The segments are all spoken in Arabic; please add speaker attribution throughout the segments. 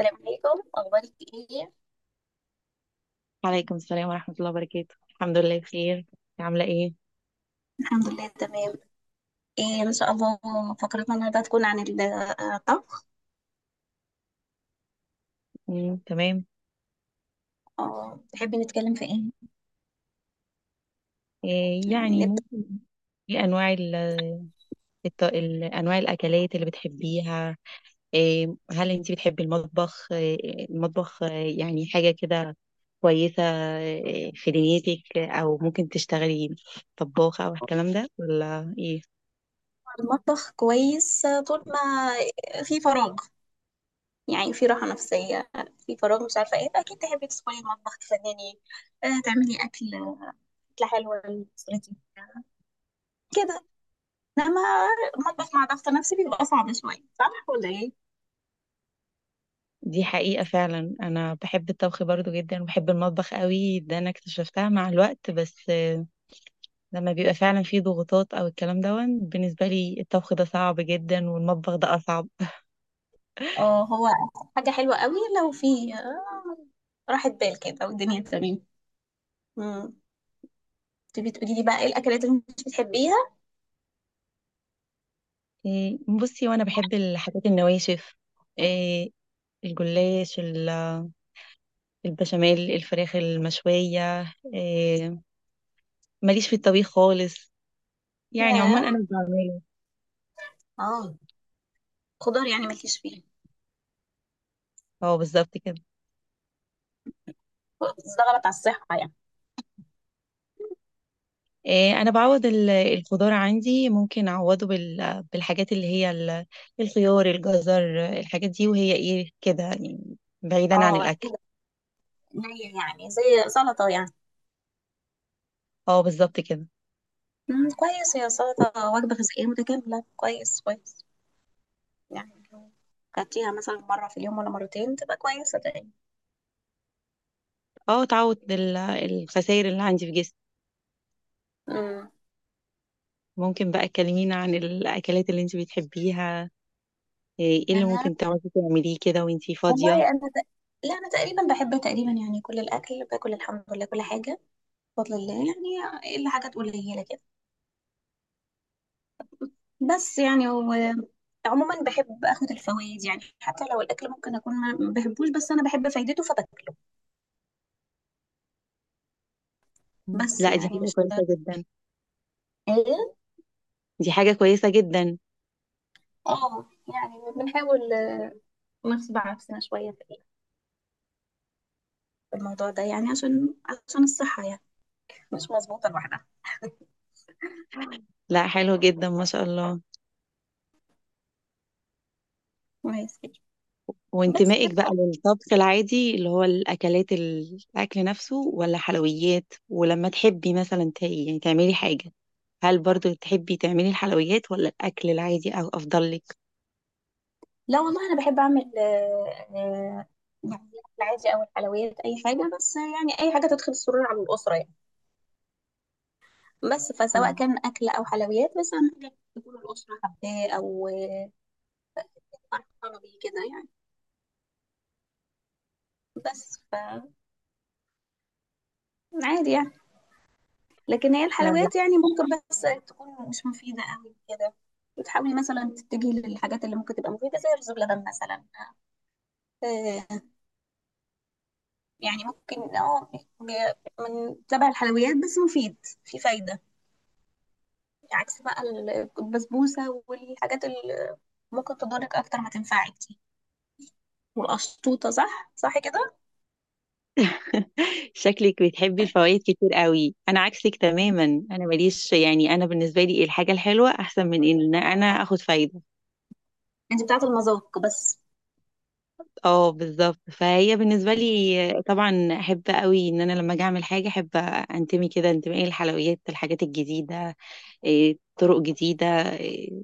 Speaker 1: السلام عليكم، اخبارك ايه؟
Speaker 2: وعليكم السلام ورحمة الله وبركاته، الحمد لله بخير. إنتي عاملة ايه؟
Speaker 1: الحمد لله تمام. ايه ان شاء الله. فقرتنا النهارده هتكون عن الطبخ.
Speaker 2: مم. تمام.
Speaker 1: تحبي نتكلم في ايه؟
Speaker 2: إيه
Speaker 1: يعني
Speaker 2: يعني،
Speaker 1: نبدا.
Speaker 2: ممكن. ايه انواع انواع الاكلات اللي بتحبيها؟ إيه، هل انت بتحبي المطبخ؟ إيه المطبخ يعني حاجة كده كويسة في دنيتك، او ممكن تشتغلي طباخة او الكلام ده ولا ايه؟
Speaker 1: عن المطبخ كويس، طول ما في فراغ يعني في راحه نفسيه. في فراغ مش عارفه ايه، فاكيد تحبي تدخلي المطبخ تفنني، تعملي اكل، اكله حلوه لأسرتك كده. انما المطبخ مع ضغط نفسي بيبقى صعب شويه، صح ولا ايه؟
Speaker 2: دي حقيقة، فعلا انا بحب الطبخ برضو جدا، وبحب المطبخ قوي. ده انا اكتشفتها مع الوقت، بس لما بيبقى فعلا في ضغوطات أو الكلام دَوًّا، بالنسبة لي الطبخ ده صعب جدًا والمطبخ ده أصعب.
Speaker 1: اه، هو حاجة حلوة قوي لو في راحة بال كده والدنيا تمام. مم. تبي تقولي لي بقى ايه الاكلات اللي مش بتحبيها؟
Speaker 2: بُصّي، هو أنا باحب الحاجات النواشف، آآ الجلاش، البشاميل، الفراخ المشوية، آآ ما ليش في الطبيخ خالص، يعني
Speaker 1: اه،
Speaker 2: عمومًا أنا مش باعمله.
Speaker 1: آه، خضار يعني مالكيش فيها؟
Speaker 2: آه بالضبط كده.
Speaker 1: ده غلط على الصحة يعني.
Speaker 2: أنا باعوّض الخضار عندي، ممكن أعوّضه بالحاجات اللي هي الخيار، الجزر، الحاجات دي، وهي إيه، كده يعني بعيدًا عن
Speaker 1: اه
Speaker 2: الأكل.
Speaker 1: قليل، يعني زي سلطة يعني.
Speaker 2: آه بالضبط كده.
Speaker 1: مم. كويس، هي سلطة وجبة غذائية متكاملة، كويس كويس. يعني لو كلتيها مثلا مرة في اليوم ولا مرتين تبقى كويسة تقريبا.
Speaker 2: اه، تعوض الخسائر اللي عندي في جسمي.
Speaker 1: مم.
Speaker 2: ممكن بقى تكلمينا عن الاكلات اللي انت بتحبيها؟ ايه اللي
Speaker 1: انا
Speaker 2: ممكن تقعدي تعمليه كده وانت فاضية؟
Speaker 1: والله انا ت... لا انا تقريبا بحب تقريبا، يعني كل الاكل باكل الحمد لله، كل حاجة بفضل الله يعني، إلا حاجات قليلة كده. بس يعني هو عموما بحب اخد الفوائد، يعني حتى لو الاكل ممكن اكون ما بحبوش بس انا بحب فايدته فباكله.
Speaker 2: مم.
Speaker 1: بس
Speaker 2: لا دي
Speaker 1: يعني
Speaker 2: حاجة
Speaker 1: مش
Speaker 2: كويسة جدا ددا.
Speaker 1: ايه.
Speaker 2: دي حاجة كويسة جدا.
Speaker 1: اه يعني بنحاول نغصب عكسنا شويه في الموضوع ده، يعني عشان عشان الصحه يعني، مش مظبوطه لوحدها.
Speaker 2: لا حلو جدا ما شاء الله.
Speaker 1: كويس كده. بس
Speaker 2: وانتمائك
Speaker 1: بقى-
Speaker 2: بقى للطبخ العادي، اللي هو الأكلات، الأكل نفسه، ولا حلويات؟ ولما تحبي مثلا يعني تعملي حاجة، هل برضو تحبي تعملي الحلويات ولا الأكل العادي أو أفضل لك؟
Speaker 1: لا والله انا بحب اعمل يعني العادي او الحلويات اي حاجه، بس يعني اي حاجه تدخل السرور على الاسره يعني. بس فسواء كان أكل أو حلويات، بس أهم حاجة تكون الأسرة حباه أو فرحانة بيه كده يعني. بس ف عادي يعني. لكن هي
Speaker 2: مم.
Speaker 1: الحلويات يعني ممكن بس تكون مش مفيدة أوي كده، وتحاولي مثلا تتجهي للحاجات اللي ممكن تبقى مفيدة زي رز بلبن مثلا. آه، يعني ممكن اه ب- من تبع الحلويات بس مفيد، في فايدة. عكس بقى البسبوسة والحاجات اللي ممكن تضرك أكتر ما تنفعك دي والقشطوطة، صح صح كده.
Speaker 2: شكلك بتحبي الفوائد كتير قوي، انا عكسك تماما. انا ماليش، يعني انا بالنسبه لي الحاجه الحلوه احسن من ان انا اخد فايده.
Speaker 1: انت بتاعت المذاق بس.
Speaker 2: اه بالظبط، فهي بالنسبه
Speaker 1: اه.
Speaker 2: لي طبعا، احب قوي ان انا لما اجي اعمل حاجه، احب انتمي كده. انتمائي للحلويات، الحاجات الجديده، إيه، طرق جديده، إيه،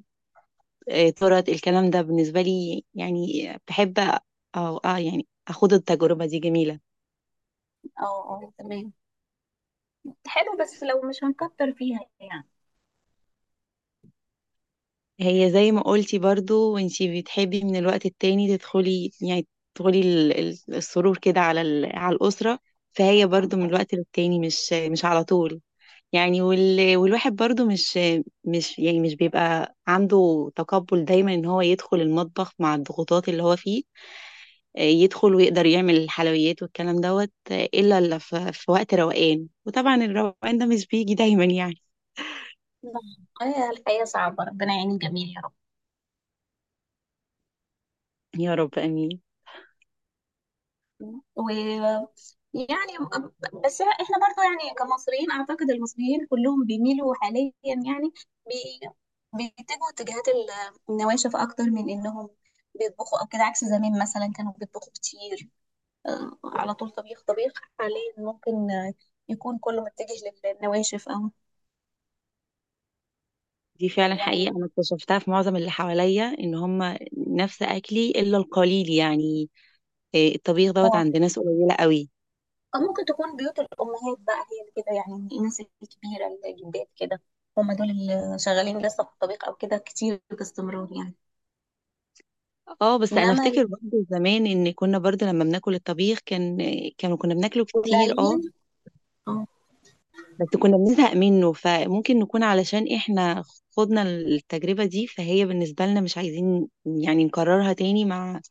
Speaker 2: إيه، طرق الكلام ده بالنسبه لي، يعني بحب اه، اه يعني اخد التجربه دي جميله.
Speaker 1: اه تمام، حلو بس لو مش هنكتر فيها يعني.
Speaker 2: هي زي ما قلتي برضو، وانتي بتحبي من الوقت التاني تدخلي، يعني تدخلي السرور كده على على الأسرة، فهي برضو من الوقت للتاني، مش على طول يعني. والواحد برضو مش يعني مش بيبقى عنده تقبل دايما ان هو يدخل المطبخ مع الضغوطات اللي هو فيه يدخل ويقدر يعمل الحلويات والكلام دوت، آه، الا إلا في في وقت روقان، وطبعا الروقان ده مش بيجي دايما يعني.
Speaker 1: الحياة صعبة، ربنا يعين الجميع يا رب.
Speaker 2: يا رب امين.
Speaker 1: و يعني، بس احنا برضو يعني كمصريين اعتقد المصريين كلهم بيميلوا حاليا، يعني بي- بيتجهوا اتجاهات النواشف اكتر من انهم بيطبخوا او كده، عكس زمان مثلا كانوا بيطبخوا كتير، على طول طبيخ طبيخ. حاليا ممكن يكون كله متجه للنواشف او
Speaker 2: دي فعلا
Speaker 1: يعني،
Speaker 2: حقيقة، أنا اكتشفتها في معظم اللي حواليا إن هم نفس أكلي إلا القليل يعني، إيه، الطبيخ دوت عند ناس قليلة قوي.
Speaker 1: أو ممكن تكون بيوت الأمهات بقى هي اللي كده، يعني الناس الكبيرة الجدات كده هم دول اللي شغالين لسه في الطبيخ أو كده كتير باستمرار يعني.
Speaker 2: اه، بس أنا
Speaker 1: إنما
Speaker 2: أفتكر برضه زمان إن كنا برضه لما بناكل الطبيخ كان كانوا كنا بناكله كتير. اه
Speaker 1: القليل. آه،
Speaker 2: بس كنا بنزهق منه، فممكن نكون علشان إحنا خدنا التجربة دي، فهي بالنسبة لنا مش عايزين يعني نكررها تاني مع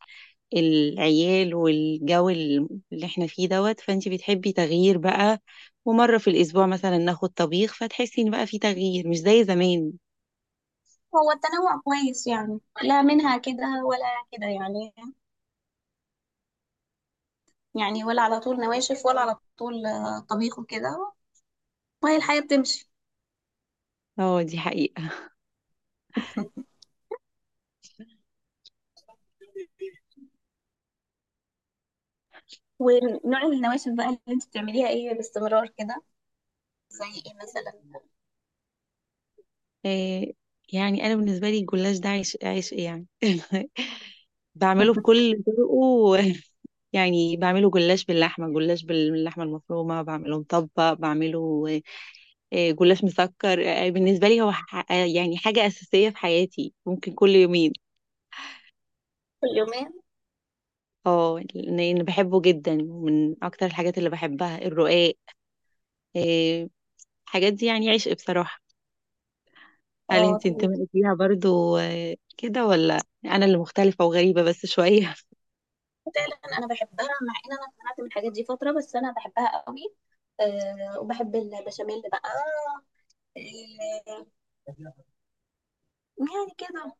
Speaker 2: العيال والجو اللي احنا فيه دوت. فانت بتحبي تغيير بقى، ومرة في الأسبوع مثلا ناخد طبيخ فتحسي إن بقى في تغيير مش زي زمان.
Speaker 1: هو التنوع كويس، يعني لا منها كده ولا كده يعني، يعني ولا على طول نواشف ولا على طول طبيخ وكده، وهي الحياة بتمشي.
Speaker 2: اه دي حقيقة.
Speaker 1: ونوع النواشف بقى اللي انت بتعمليها ايه باستمرار كده، زي ايه مثلا؟
Speaker 2: إيه، يعني أنا بالنسبة لي الجلاش ده عيش، عيش إيه يعني. بعمله بكل طرقه، يعني بعمله جلاش باللحمة، جلاش باللحمة المفرومة، بعمله مطبق، بعمله إيه، جلاش مسكر، إيه، بالنسبة لي هو يعني حاجة أساسية في حياتي، ممكن كل يومين.
Speaker 1: كل يومين؟
Speaker 2: اه لان أنا بحبه جدا، ومن اكتر الحاجات اللي بحبها الرقاق، إيه، الحاجات دي يعني عشق بصراحة. هل
Speaker 1: اه
Speaker 2: انت انتمائك ليها برضو كده، ولا انا اللي مختلفة وغريبة بس شوية؟
Speaker 1: فعلا انا بحبها، مع ان انا اتمنعت من الحاجات دي فتره بس انا بحبها قوي. أه وبحب البشاميل بقى، أه. يعني كده،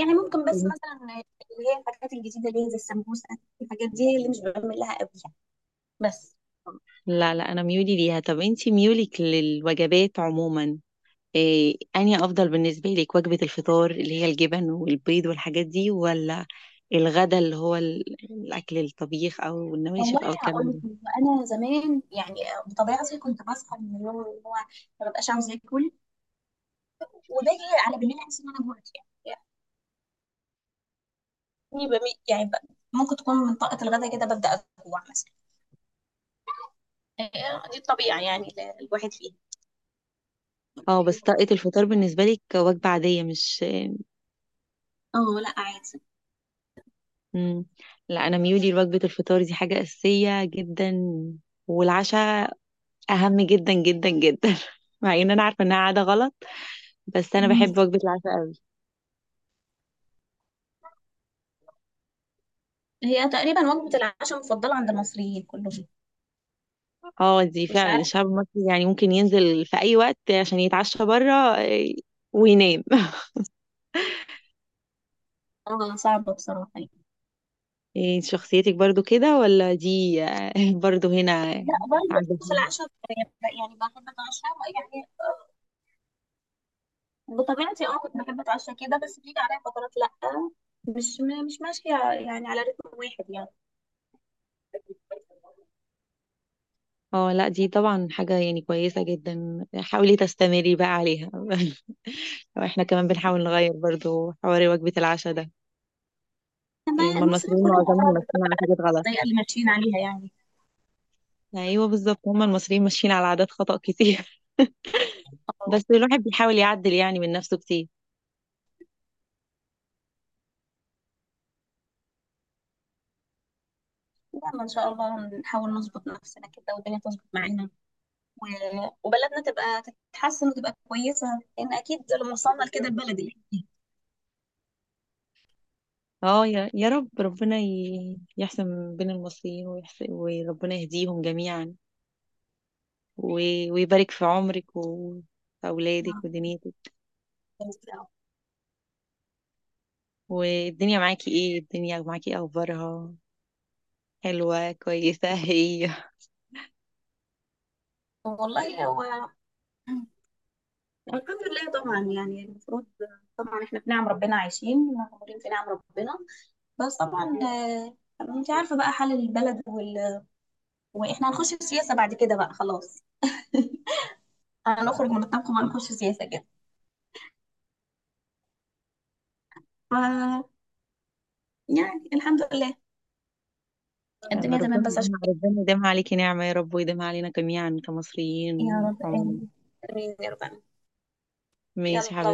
Speaker 1: يعني ممكن بس مثلا اللي هي الحاجات الجديده اللي هي زي السمبوسه، الحاجات دي هي اللي مش بعمل لها قوي يعني. بس
Speaker 2: لا لا انا ميولي ليها. طب انت ميولك للوجبات عموما إيه، انهي افضل بالنسبة لك؟ وجبة الفطار اللي هي الجبن والبيض والحاجات دي، ولا الغدا اللي هو الاكل، الطبيخ او
Speaker 1: والله
Speaker 2: النواشف او الكلام
Speaker 1: هقول لك
Speaker 2: ده؟
Speaker 1: إن انا زمان يعني بطبيعتي كنت بصحى من النوم اللي هو ما ببقاش عاوزه اكل، وباجي على بالليل احس ان انا جوعت يعني. يعني ممكن تكون من طاقه الغداء كده ببدا اجوع مثلا. دي الطبيعه يعني اللي الواحد فيها.
Speaker 2: اه بس طاقة الفطار بالنسبة لك وجبة عادية مش.
Speaker 1: اه لا عادي.
Speaker 2: مم. لا انا ميولي لوجبه الفطار دي حاجه اساسيه جدا، والعشاء اهم جدا جدا جدا. مع ان انا عارفه انها عاده غلط، بس انا
Speaker 1: مم.
Speaker 2: بحب وجبه العشاء قوي.
Speaker 1: هي تقريبا وجبة العشاء المفضلة عند المصريين كلهم.
Speaker 2: اه دي
Speaker 1: مش
Speaker 2: فعلا،
Speaker 1: عارفة.
Speaker 2: الشعب المصري يعني ممكن ينزل في اي وقت عشان يتعشى بره، وينام.
Speaker 1: اه صعبة بصراحة يعني.
Speaker 2: إيه، شخصيتك برضو كده ولا دي برضو هنا
Speaker 1: لا برضه
Speaker 2: عادة؟
Speaker 1: في العشاء يعني بحب اتعشى يعني، بطبيعتي اه كنت بحب اتعشى كده، بس بيجي عليا فترات لا، مش ماشية يعني على رتم واحد يعني.
Speaker 2: اه لا دي طبعا حاجة يعني كويسة جدا، حاولي تستمري بقى عليها. واحنا كمان بنحاول نغير برضو حوار وجبة العشاء ده،
Speaker 1: إنما
Speaker 2: يعني هم
Speaker 1: المصريين
Speaker 2: المصريين
Speaker 1: كلهم
Speaker 2: معظمهم
Speaker 1: امراض،
Speaker 2: ماشيين على حاجات غلط.
Speaker 1: الطريقة اللي ماشيين عليها يعني.
Speaker 2: ايوه بالظبط، هم المصريين ماشيين على عادات خطأ كتير.
Speaker 1: اه.
Speaker 2: بس الواحد بيحاول يعدل يعني من نفسه كتير.
Speaker 1: يلا ان شاء الله نحاول نظبط نفسنا كده والدنيا تظبط معانا، وبلدنا تبقى تتحسن وتبقى كويسة، لأن أكيد لما وصلنا لكده البلد اللي
Speaker 2: اه يا يا رب، ربنا يحسن بين المصريين ويحسن، وربنا يهديهم جميعا، ويبارك في عمرك وأولادك
Speaker 1: إحنا
Speaker 2: ودنيتك.
Speaker 1: فيها.
Speaker 2: والدنيا معاكي ايه؟ الدنيا معاكي إيه اخبارها؟ حلوة كويسة؟ هي
Speaker 1: والله هو الحمد لله طبعا يعني، المفروض طبعا احنا في نعم ربنا عايشين مغمورين في نعم ربنا. بس طبعا انت عارفة بقى حال البلد واحنا هنخش في سياسة بعد كده بقى خلاص. هنخرج من الطبخ وهنخش سياسة كده. ف يعني الحمد لله
Speaker 2: يلا
Speaker 1: الدنيا
Speaker 2: ربنا
Speaker 1: تمام بس عشان.
Speaker 2: يديمها، ربنا يديمها عليكي نعمة يا رب، ويديمها علينا جميعا
Speaker 1: يا
Speaker 2: كمصريين
Speaker 1: رب
Speaker 2: عموما.
Speaker 1: آمين. آمين يا رب آمين.
Speaker 2: ماشي يا
Speaker 1: يلا.
Speaker 2: حبيبتي.